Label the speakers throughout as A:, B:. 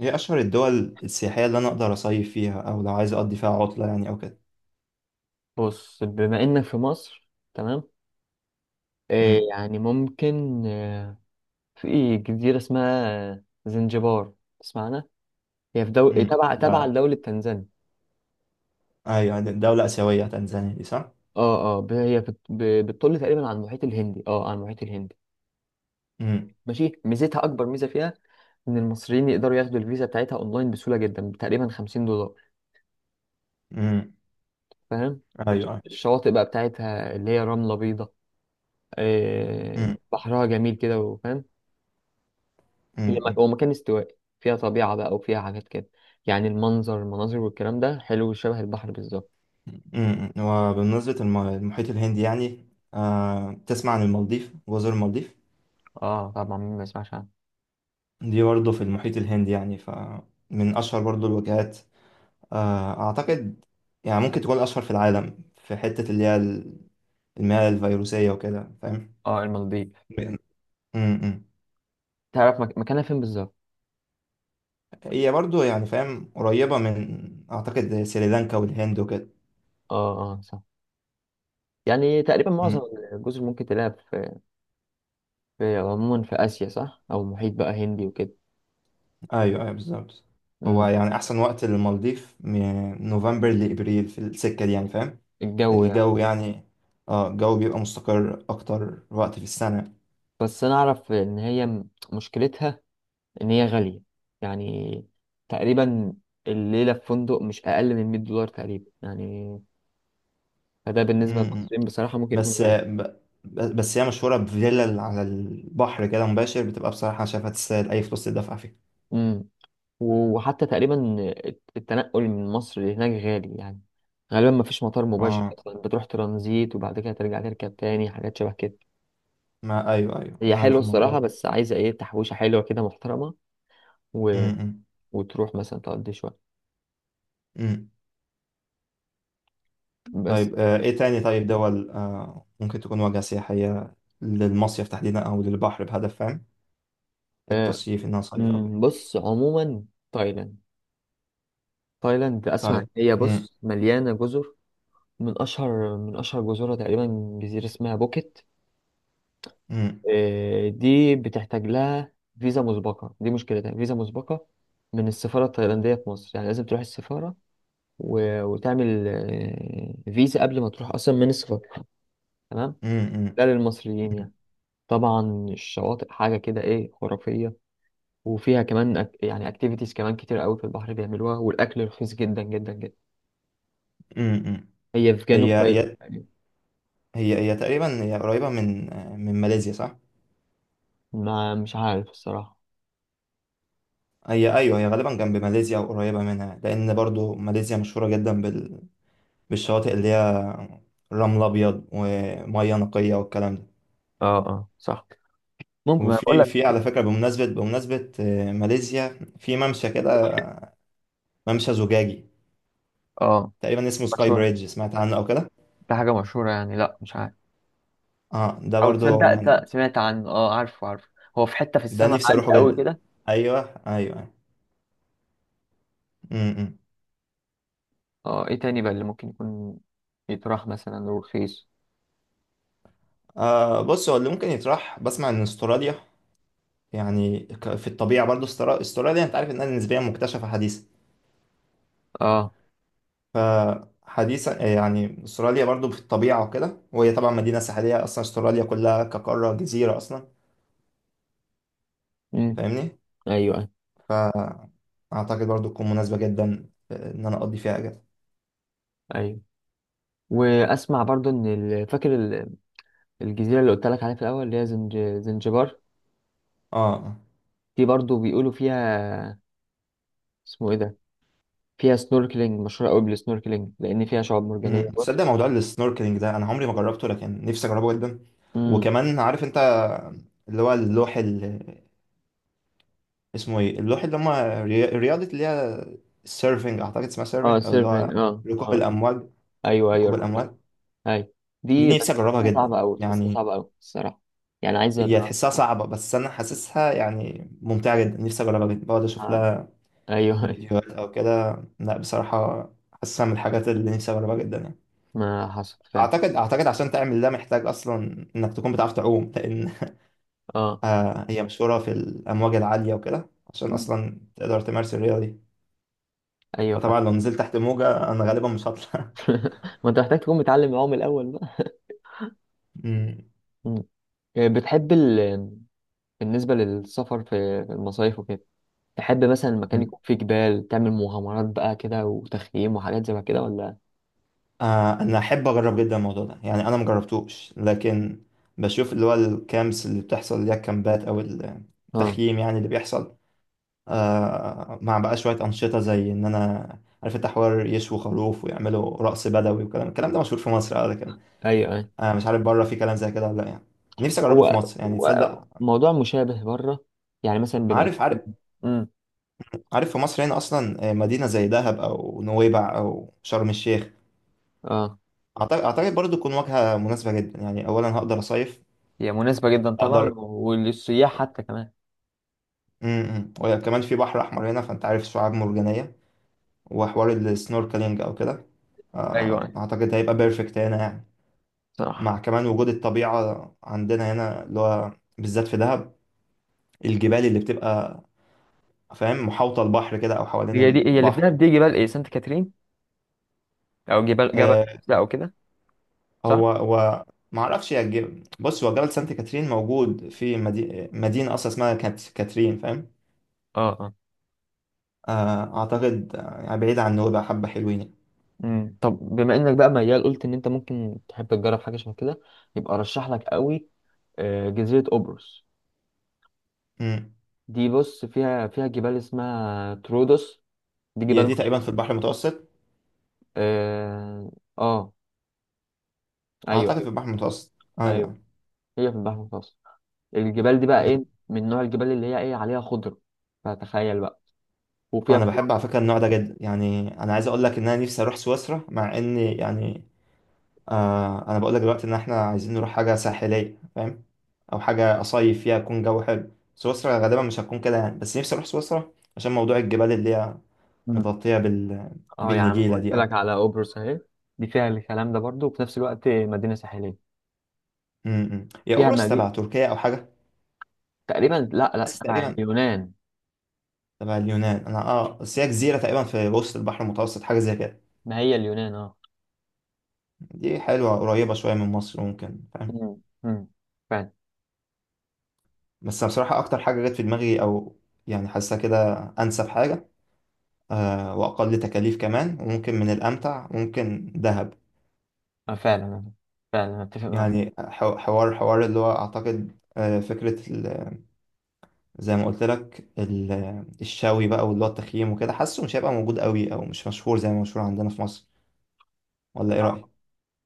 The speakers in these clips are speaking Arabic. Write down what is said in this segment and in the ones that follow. A: هي أشهر الدول السياحية اللي أنا أقدر أصيف فيها أو لو عايز أقضي فيها عطلة يعني أو كده.
B: بص، بما انك في مصر، تمام.
A: أمم.
B: يعني ممكن. في جزيرة اسمها زنجبار. تسمعنا؟ هي
A: أمم.
B: تبع
A: آه.
B: لدولة تنزانيا.
A: أيوة، يعني دولة آسيوية تنزانيا دي، صح؟
B: بتطل تقريبا على المحيط الهندي.
A: أمم.
B: ماشي، ميزتها اكبر ميزة فيها ان المصريين يقدروا ياخدوا الفيزا بتاعتها اونلاين بسهولة جدا، تقريبا 50 دولار.
A: أمم.
B: فاهم؟
A: أيوة.
B: الشواطئ بقى بتاعتها اللي هي رملة بيضاء.
A: أمم.
B: بحرها جميل كده، وفاهم؟
A: أمم.
B: هو مكان استوائي، فيها طبيعة بقى وفيها حاجات كده. يعني المنظر، المناظر والكلام ده حلو، شبه البحر بالظبط.
A: وبالنسبة للمحيط الهندي يعني، آه، تسمع عن المالديف، جزر المالديف
B: اه، طبعا مين ما يسمعش عنه.
A: دي برضه في المحيط الهندي، يعني فمن أشهر برضه الوجهات. آه، أعتقد يعني ممكن تكون أشهر في العالم في حتة اللي هي المياه الفيروسية وكده، فاهم؟
B: اه، المالديف.
A: أمم. أمم.
B: تعرف مكانها فين بالظبط؟
A: هي برضو يعني فاهم قريبة من أعتقد سريلانكا والهند وكده.
B: اه، اه، صح. يعني تقريبا معظم
A: مم.
B: الجزر ممكن تلاقيها في عموما في آسيا، صح، أو محيط بقى هندي وكده.
A: أيوه، أيوه، بالظبط. هو
B: امم.
A: يعني أحسن وقت للمالديف من نوفمبر لإبريل في السكة دي، يعني فاهم،
B: الجو، يعني.
A: الجو يعني. اه الجو بيبقى مستقر أكتر وقت في السنة.
B: بس أنا أعرف إن هي مشكلتها إن هي غالية، يعني. تقريبا الليلة في فندق مش أقل من 100 دولار تقريبا، يعني. فده بالنسبة
A: مم.
B: للمصريين بصراحة ممكن يكون
A: بس
B: غالي.
A: ب- بس هي مشهورة بفيلا على البحر كده مباشر، بتبقى بصراحة أنا شايفها تستاهل أي فلوس تدفع فيها.
B: امم. وحتى تقريبا التنقل من مصر لهناك غالي، يعني. غالبا ما فيش مطار مباشر
A: اه،
B: اصلا، بتروح ترانزيت وبعد كده ترجع تركب تاني، حاجات شبه كده.
A: ما أيوه أيوه
B: هي
A: أنا
B: حلوه
A: عارف الموضوع
B: الصراحه،
A: ده.
B: بس عايزه ايه، تحويشه حلوه كده محترمه و...
A: مم.
B: وتروح مثلا تقضي شويه
A: مم.
B: بس.
A: طيب آه، ايه تاني؟ طيب دول آه، ممكن تكون واجهة سياحية للمصيف تحديدا او للبحر بهدف، فاهم،
B: آه،
A: التصيف انها صيف او كده.
B: بص عموما، تايلاند. اسمع،
A: طيب.
B: هي
A: مم.
B: بص مليانه جزر. من اشهر جزرها تقريبا جزيره اسمها بوكيت.
A: مم.
B: دي بتحتاج لها فيزا مسبقة، دي مشكلتها فيزا مسبقة من السفارة التايلاندية في مصر، يعني لازم تروح السفارة و... وتعمل فيزا قبل ما تروح أصلا من السفارة، تمام.
A: مم. مم.
B: ده للمصريين،
A: مم.
B: يعني. طبعا الشواطئ حاجة كده إيه، خرافية. وفيها كمان يعني أكتيفيتيز كمان كتير قوي في البحر بيعملوها، والأكل رخيص جدا جدا جدا.
A: مم. مم.
B: هي في
A: هي
B: جنوب تايلاند،
A: هي
B: يعني.
A: هي هي تقريبا هي قريبة من آه، من ماليزيا، صح؟
B: ما مش عارف الصراحة.
A: هي، ايوه، هي غالبا جنب ماليزيا او قريبة منها، لان برضو ماليزيا مشهورة جدا بالشواطئ اللي هي رمل ابيض ومية نقية والكلام ده.
B: اه، اه، صح. ممكن أنا بقول
A: وفي
B: لك.
A: على فكرة، بمناسبة آه، ماليزيا في ممشى كده، ممشى زجاجي
B: اه،
A: تقريبا اسمه سكاي
B: مشهورة.
A: بريدج، سمعت عنه او كده؟
B: ده حاجة مشهورة، يعني لا مش عارف.
A: اه ده
B: او
A: برضو
B: تصدق، لا،
A: يعني،
B: سمعت عنه، اه، عارفه عارفه. هو في حتة في
A: ده
B: السماء
A: نفسي
B: عالية
A: اروحه
B: قوي
A: جدا.
B: كده.
A: ايوه. ايوه. امم.
B: اه، ايه تاني بقى اللي ممكن يكون يتراح مثلا ورخيص.
A: آه بص، هو اللي ممكن يطرح، بسمع ان استراليا يعني في الطبيعه برضو، استراليا انت عارف انها نسبيا مكتشفه حديثا.
B: اه.
A: فحديثا آه، يعني استراليا برضو في الطبيعه وكده، وهي طبعا مدينه ساحليه اصلا، استراليا كلها كقاره جزيره اصلا،
B: امم.
A: فاهمني؟
B: ايوه، ايوه،
A: اعتقد برضو تكون مناسبه جدا آه، ان انا اقضي فيها اجازه.
B: ايوه. واسمع برضو ان فاكر الجزيرة اللي قلت لك عليها في الاول اللي هي زنجبار،
A: اه. آه.
B: دي برضو بيقولوا فيها، اسمه ايه ده، فيها سنوركلينج، مشهورة قوي بالسنوركلينج لان فيها شعاب مرجانية،
A: مم.
B: بص.
A: تصدق موضوع السنوركلينج ده، انا عمري ما جربته لكن نفسي اجربه جدا.
B: امم.
A: وكمان عارف انت اللي هو اللوح اللي اسمه ايه، اللوح اللي هم رياضة اللي هي السيرفنج، اعتقد اسمها
B: اه،
A: سيرفنج، او اللي هو
B: سيرفين، اه،
A: ركوب
B: اه.
A: الامواج.
B: ايوه،
A: ركوب
B: ايوه،
A: الامواج
B: ايوه. دي
A: دي نفسي
B: بس
A: اجربها
B: تحسها
A: جدا
B: صعبة أوي، تحسها
A: يعني.
B: صعبة أوي الصراحة. يعني عايزة
A: هي تحسها
B: دراسة.
A: صعبة، بس انا حاسسها يعني ممتعة جدا، نفسي اجربها جدا، بقعد اشوف
B: آه.
A: لها
B: ايوه.
A: فيديوهات او كده. لا بصراحة حاسسها من الحاجات اللي نفسي اجربها جدا يعني.
B: ما حصل فعلا.
A: اعتقد عشان تعمل ده محتاج اصلا انك تكون بتعرف تعوم، لان
B: اه.
A: آه، هي مشهورة في الأمواج العالية وكده، عشان
B: مم.
A: أصلا تقدر تمارس الرياضة دي.
B: ايوه، فعلا.
A: فطبعا لو نزلت تحت موجة أنا غالبا مش هطلع.
B: ما انت محتاج تكون متعلم معاهم الاول بقى.
A: أمم.
B: مم. بتحب بالنسبه للسفر في المصايف وكده، تحب مثلا المكان
A: أمم.
B: يكون فيه جبال، تعمل مغامرات بقى كده، وتخييم وحاجات زي كده، ولا؟
A: آه، أنا أحب أجرب جدا الموضوع ده يعني، أنا مجربتوش لكن بشوف اللي هو الكامبس اللي بتحصل، اللي هي الكامبات أو
B: اه،
A: التخييم يعني اللي بيحصل، آه، مع بقى شوية أنشطة زي إن أنا عارف انت، حوار يشوي خروف ويعملوا رقص بدوي وكلام، الكلام ده مشهور في مصر اه، لكن
B: ايوه، ايوه.
A: آه مش عارف بره في كلام زي كده ولا لا يعني. نفسي اجربه في
B: هو
A: مصر يعني،
B: هو
A: تصدق.
B: موضوع مشابه بره، يعني مثلا بما انت.
A: عارف عارف،
B: امم.
A: عارف في مصر هنا اصلا آه، مدينه زي دهب او نويبع او شرم الشيخ،
B: اه.
A: اعتقد برضه تكون واجهه مناسبه جدا يعني، اولا هقدر اصيف،
B: هي مناسبه جدا طبعا،
A: اقدر.
B: وللسياح حتى كمان.
A: وكمان في بحر احمر هنا، فانت عارف شعاب مرجانيه، وحوار السنوركلينج او كده،
B: ايوه،
A: آه،
B: أيوة.
A: اعتقد هيبقى بيرفكت هنا يعني، مع
B: صح.
A: كمان وجود الطبيعه عندنا هنا، اللي هو بالذات في دهب، الجبال اللي بتبقى فاهم محاوطه البحر كده، او حوالين
B: هي دي، هي اللي في
A: البحر.
B: دهب، دي جبال سانت كاترين، او جبال جبل
A: آه،
B: ده او كده، صح.
A: هو هو ما اعرفش يا جبل. بص، هو جبل سانت كاترين موجود في مدينه اصلا اسمها كانت كاترين، فاهم.
B: اه، اه.
A: آه، اعتقد آه، يعني بعيد عن نوبة، حبه حلوين يعني.
B: طب بما انك بقى ميال، قلت ان انت ممكن تحب تجرب حاجه شبه كده، يبقى ارشح لك قوي جزيره قبرص.
A: امم.
B: دي بص فيها جبال اسمها ترودوس، دي
A: هي
B: جبال
A: دي تقريبا
B: مشهورة.
A: في البحر المتوسط،
B: اه. آه. ايوه،
A: اعتقد في
B: ايوه.
A: البحر المتوسط.
B: ايوه،
A: ايوه.
B: هي في البحر المتوسط. الجبال دي بقى
A: مم.
B: ايه، من نوع الجبال اللي هي ايه، عليها خضره، فتخيل بقى، وفيها
A: انا
B: كل.
A: بحب على فكره النوع ده جدا، يعني انا عايز اقول لك ان انا نفسي اروح سويسرا، مع ان يعني آه انا بقول لك دلوقتي ان احنا عايزين نروح حاجه ساحليه فاهم، او حاجه اصيف فيها يكون جو حلو، سويسرا غالبا مش هتكون كده يعني، بس نفسي اروح سويسرا عشان موضوع الجبال اللي هي
B: مم.
A: متغطية بال...
B: اه، يا عم
A: بالنجيلة
B: قلت
A: دي أو
B: لك
A: كده.
B: على قبرص اهي، دي فيها الكلام ده برضو، وفي نفس الوقت مدينه ساحليه،
A: م-م. هي
B: فيها
A: قبرص
B: مدينة
A: تبع تركيا أو حاجة،
B: تقريبا. لا، لا،
A: حاسس
B: تبع
A: تقريبا
B: اليونان،
A: تبع اليونان أنا. أه، بس هي جزيرة تقريبا في وسط البحر المتوسط، حاجة زي كده.
B: ما هي اليونان، اه.
A: دي حلوة قريبة شوية من مصر ممكن، فاهم.
B: مم. مم. فعلا.
A: بس أنا بصراحة أكتر حاجة جت في دماغي، أو يعني حاسة كده أنسب حاجة، أه، وأقل تكاليف كمان، وممكن من الأمتع، ممكن دهب.
B: فعلا. فعلا اتفق معاك.
A: يعني حوار اللي هو أعتقد آه، فكرة زي ما قلت لك الشوي بقى، واللي هو التخييم وكده، حاسه مش هيبقى موجود قوي او مش مشهور زي ما مشهور عندنا في مصر، ولا ايه
B: آه.
A: رأيك؟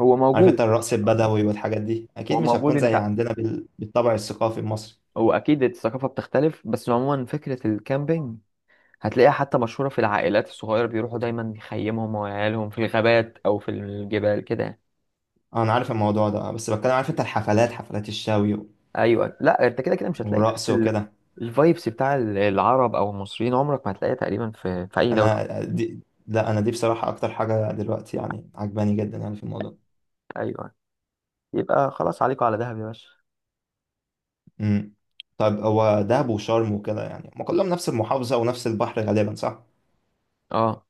B: هو
A: عارف انت
B: موجود.
A: الرقص البدوي والحاجات دي اكيد
B: هو
A: مش
B: موجود،
A: هتكون زي
B: انت،
A: عندنا بالطبع الثقافي المصري.
B: هو اكيد الثقافه بتختلف، بس عموما فكره الكامبينج هتلاقيها حتى مشهوره، في العائلات الصغيره بيروحوا دايما يخيمهم وعيالهم في الغابات او في الجبال كده.
A: آه، انا عارف الموضوع ده، آه، بس بتكلم عارف انت، الحفلات، حفلات الشوي
B: ايوه، لا انت كده كده مش هتلاقي نفس
A: والرقص وكده.
B: الفايبس بتاع العرب او المصريين، عمرك ما هتلاقيها تقريبا في في اي دوله.
A: انا آه، دي لا، انا دي بصراحة اكتر حاجة دلوقتي يعني عجباني جدا يعني في الموضوع.
B: ايوه. يبقى خلاص عليكم على دهب يا باشا.
A: امم. طيب هو دهب وشرم وكده يعني، ما كلهم نفس المحافظة ونفس البحر غالبا، صح؟
B: اه،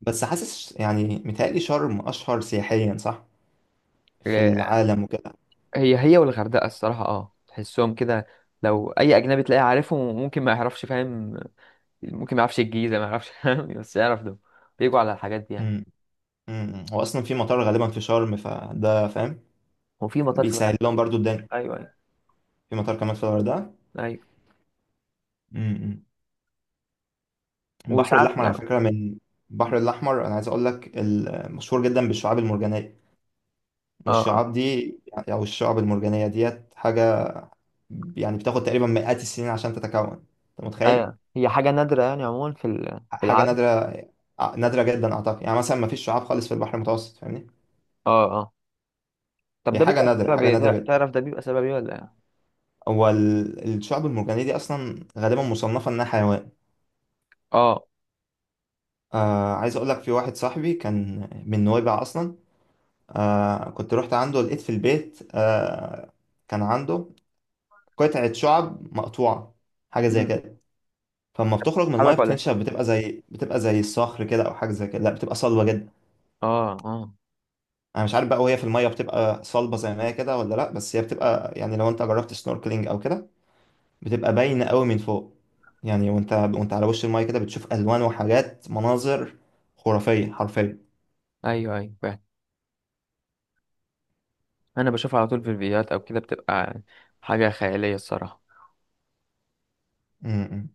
A: بس حاسس يعني، متهيألي شرم أشهر سياحيا، صح؟ في العالم وكده.
B: هي هي والغردقة الصراحة، تحسهم كده. لو أي أجنبي تلاقيه عارفهم، ممكن ما يعرفش، فاهم؟ ممكن ما يعرفش الجيزة، ما يعرفش، فاهم، بس يعرف ده، بيجوا على الحاجات دي يعني.
A: امم. امم. هو أصلا في مطار غالبا في شرم، فده فاهم،
B: هو في مطار في
A: بيسهل
B: الغردقة.
A: لهم برضو الدنيا.
B: أيوه، أيوه،
A: في مطار كمان في الغردقة.
B: أيوه.
A: امم. البحر
B: وساعات
A: الأحمر على
B: يعني.
A: فكرة من، البحر الأحمر أنا عايز أقول لك مشهور جدا بالشعاب المرجانية،
B: اه، اه.
A: والشعاب دي يعني، أو الشعاب المرجانية ديت حاجة، يعني بتاخد تقريبا مئات السنين عشان تتكون، أنت متخيل.
B: أيوه، هي حاجة نادرة يعني عموما في
A: حاجة
B: العالم.
A: نادرة، نادرة جدا أعتقد يعني، مثلا ما فيش شعاب خالص في البحر المتوسط، فاهمني.
B: اه، اه. طب
A: هي
B: ده
A: حاجة
B: بيبقى
A: نادرة،
B: بسبب
A: حاجة
B: ايه؟
A: نادرة جدا.
B: تعرف ده بيبقى سبب ايه ولا ايه؟
A: هو الشعب المرجانية دي أصلا غالبا مصنفة إنها حيوان.
B: اه.
A: آه عايز أقول لك، في واحد صاحبي كان من نويبع أصلا، آه كنت رحت عنده لقيت في البيت آه، كان عنده قطعة شعب مقطوعة، حاجة زي
B: مم.
A: كده. فلما بتخرج من المية
B: حرك ولا
A: بتنشف
B: ايه؟
A: بتبقى زي الصخر كده أو حاجة زي كده، لا بتبقى صلبة جدا.
B: اه، اه.
A: أنا مش عارف بقى، وهي في المية بتبقى صلبة زي ما هي كده ولا لا، بس هي بتبقى يعني لو أنت جربت سنوركلينج أو كده، بتبقى باينة قوي من فوق يعني. وانت على وش المايه كده بتشوف الوان وحاجات، مناظر خرافية حرفيا.
B: ايوه، ايوه، فعلا. انا بشوفها على طول في الفيديوهات او كده، بتبقى حاجة خيالية الصراحة.
A: م. م.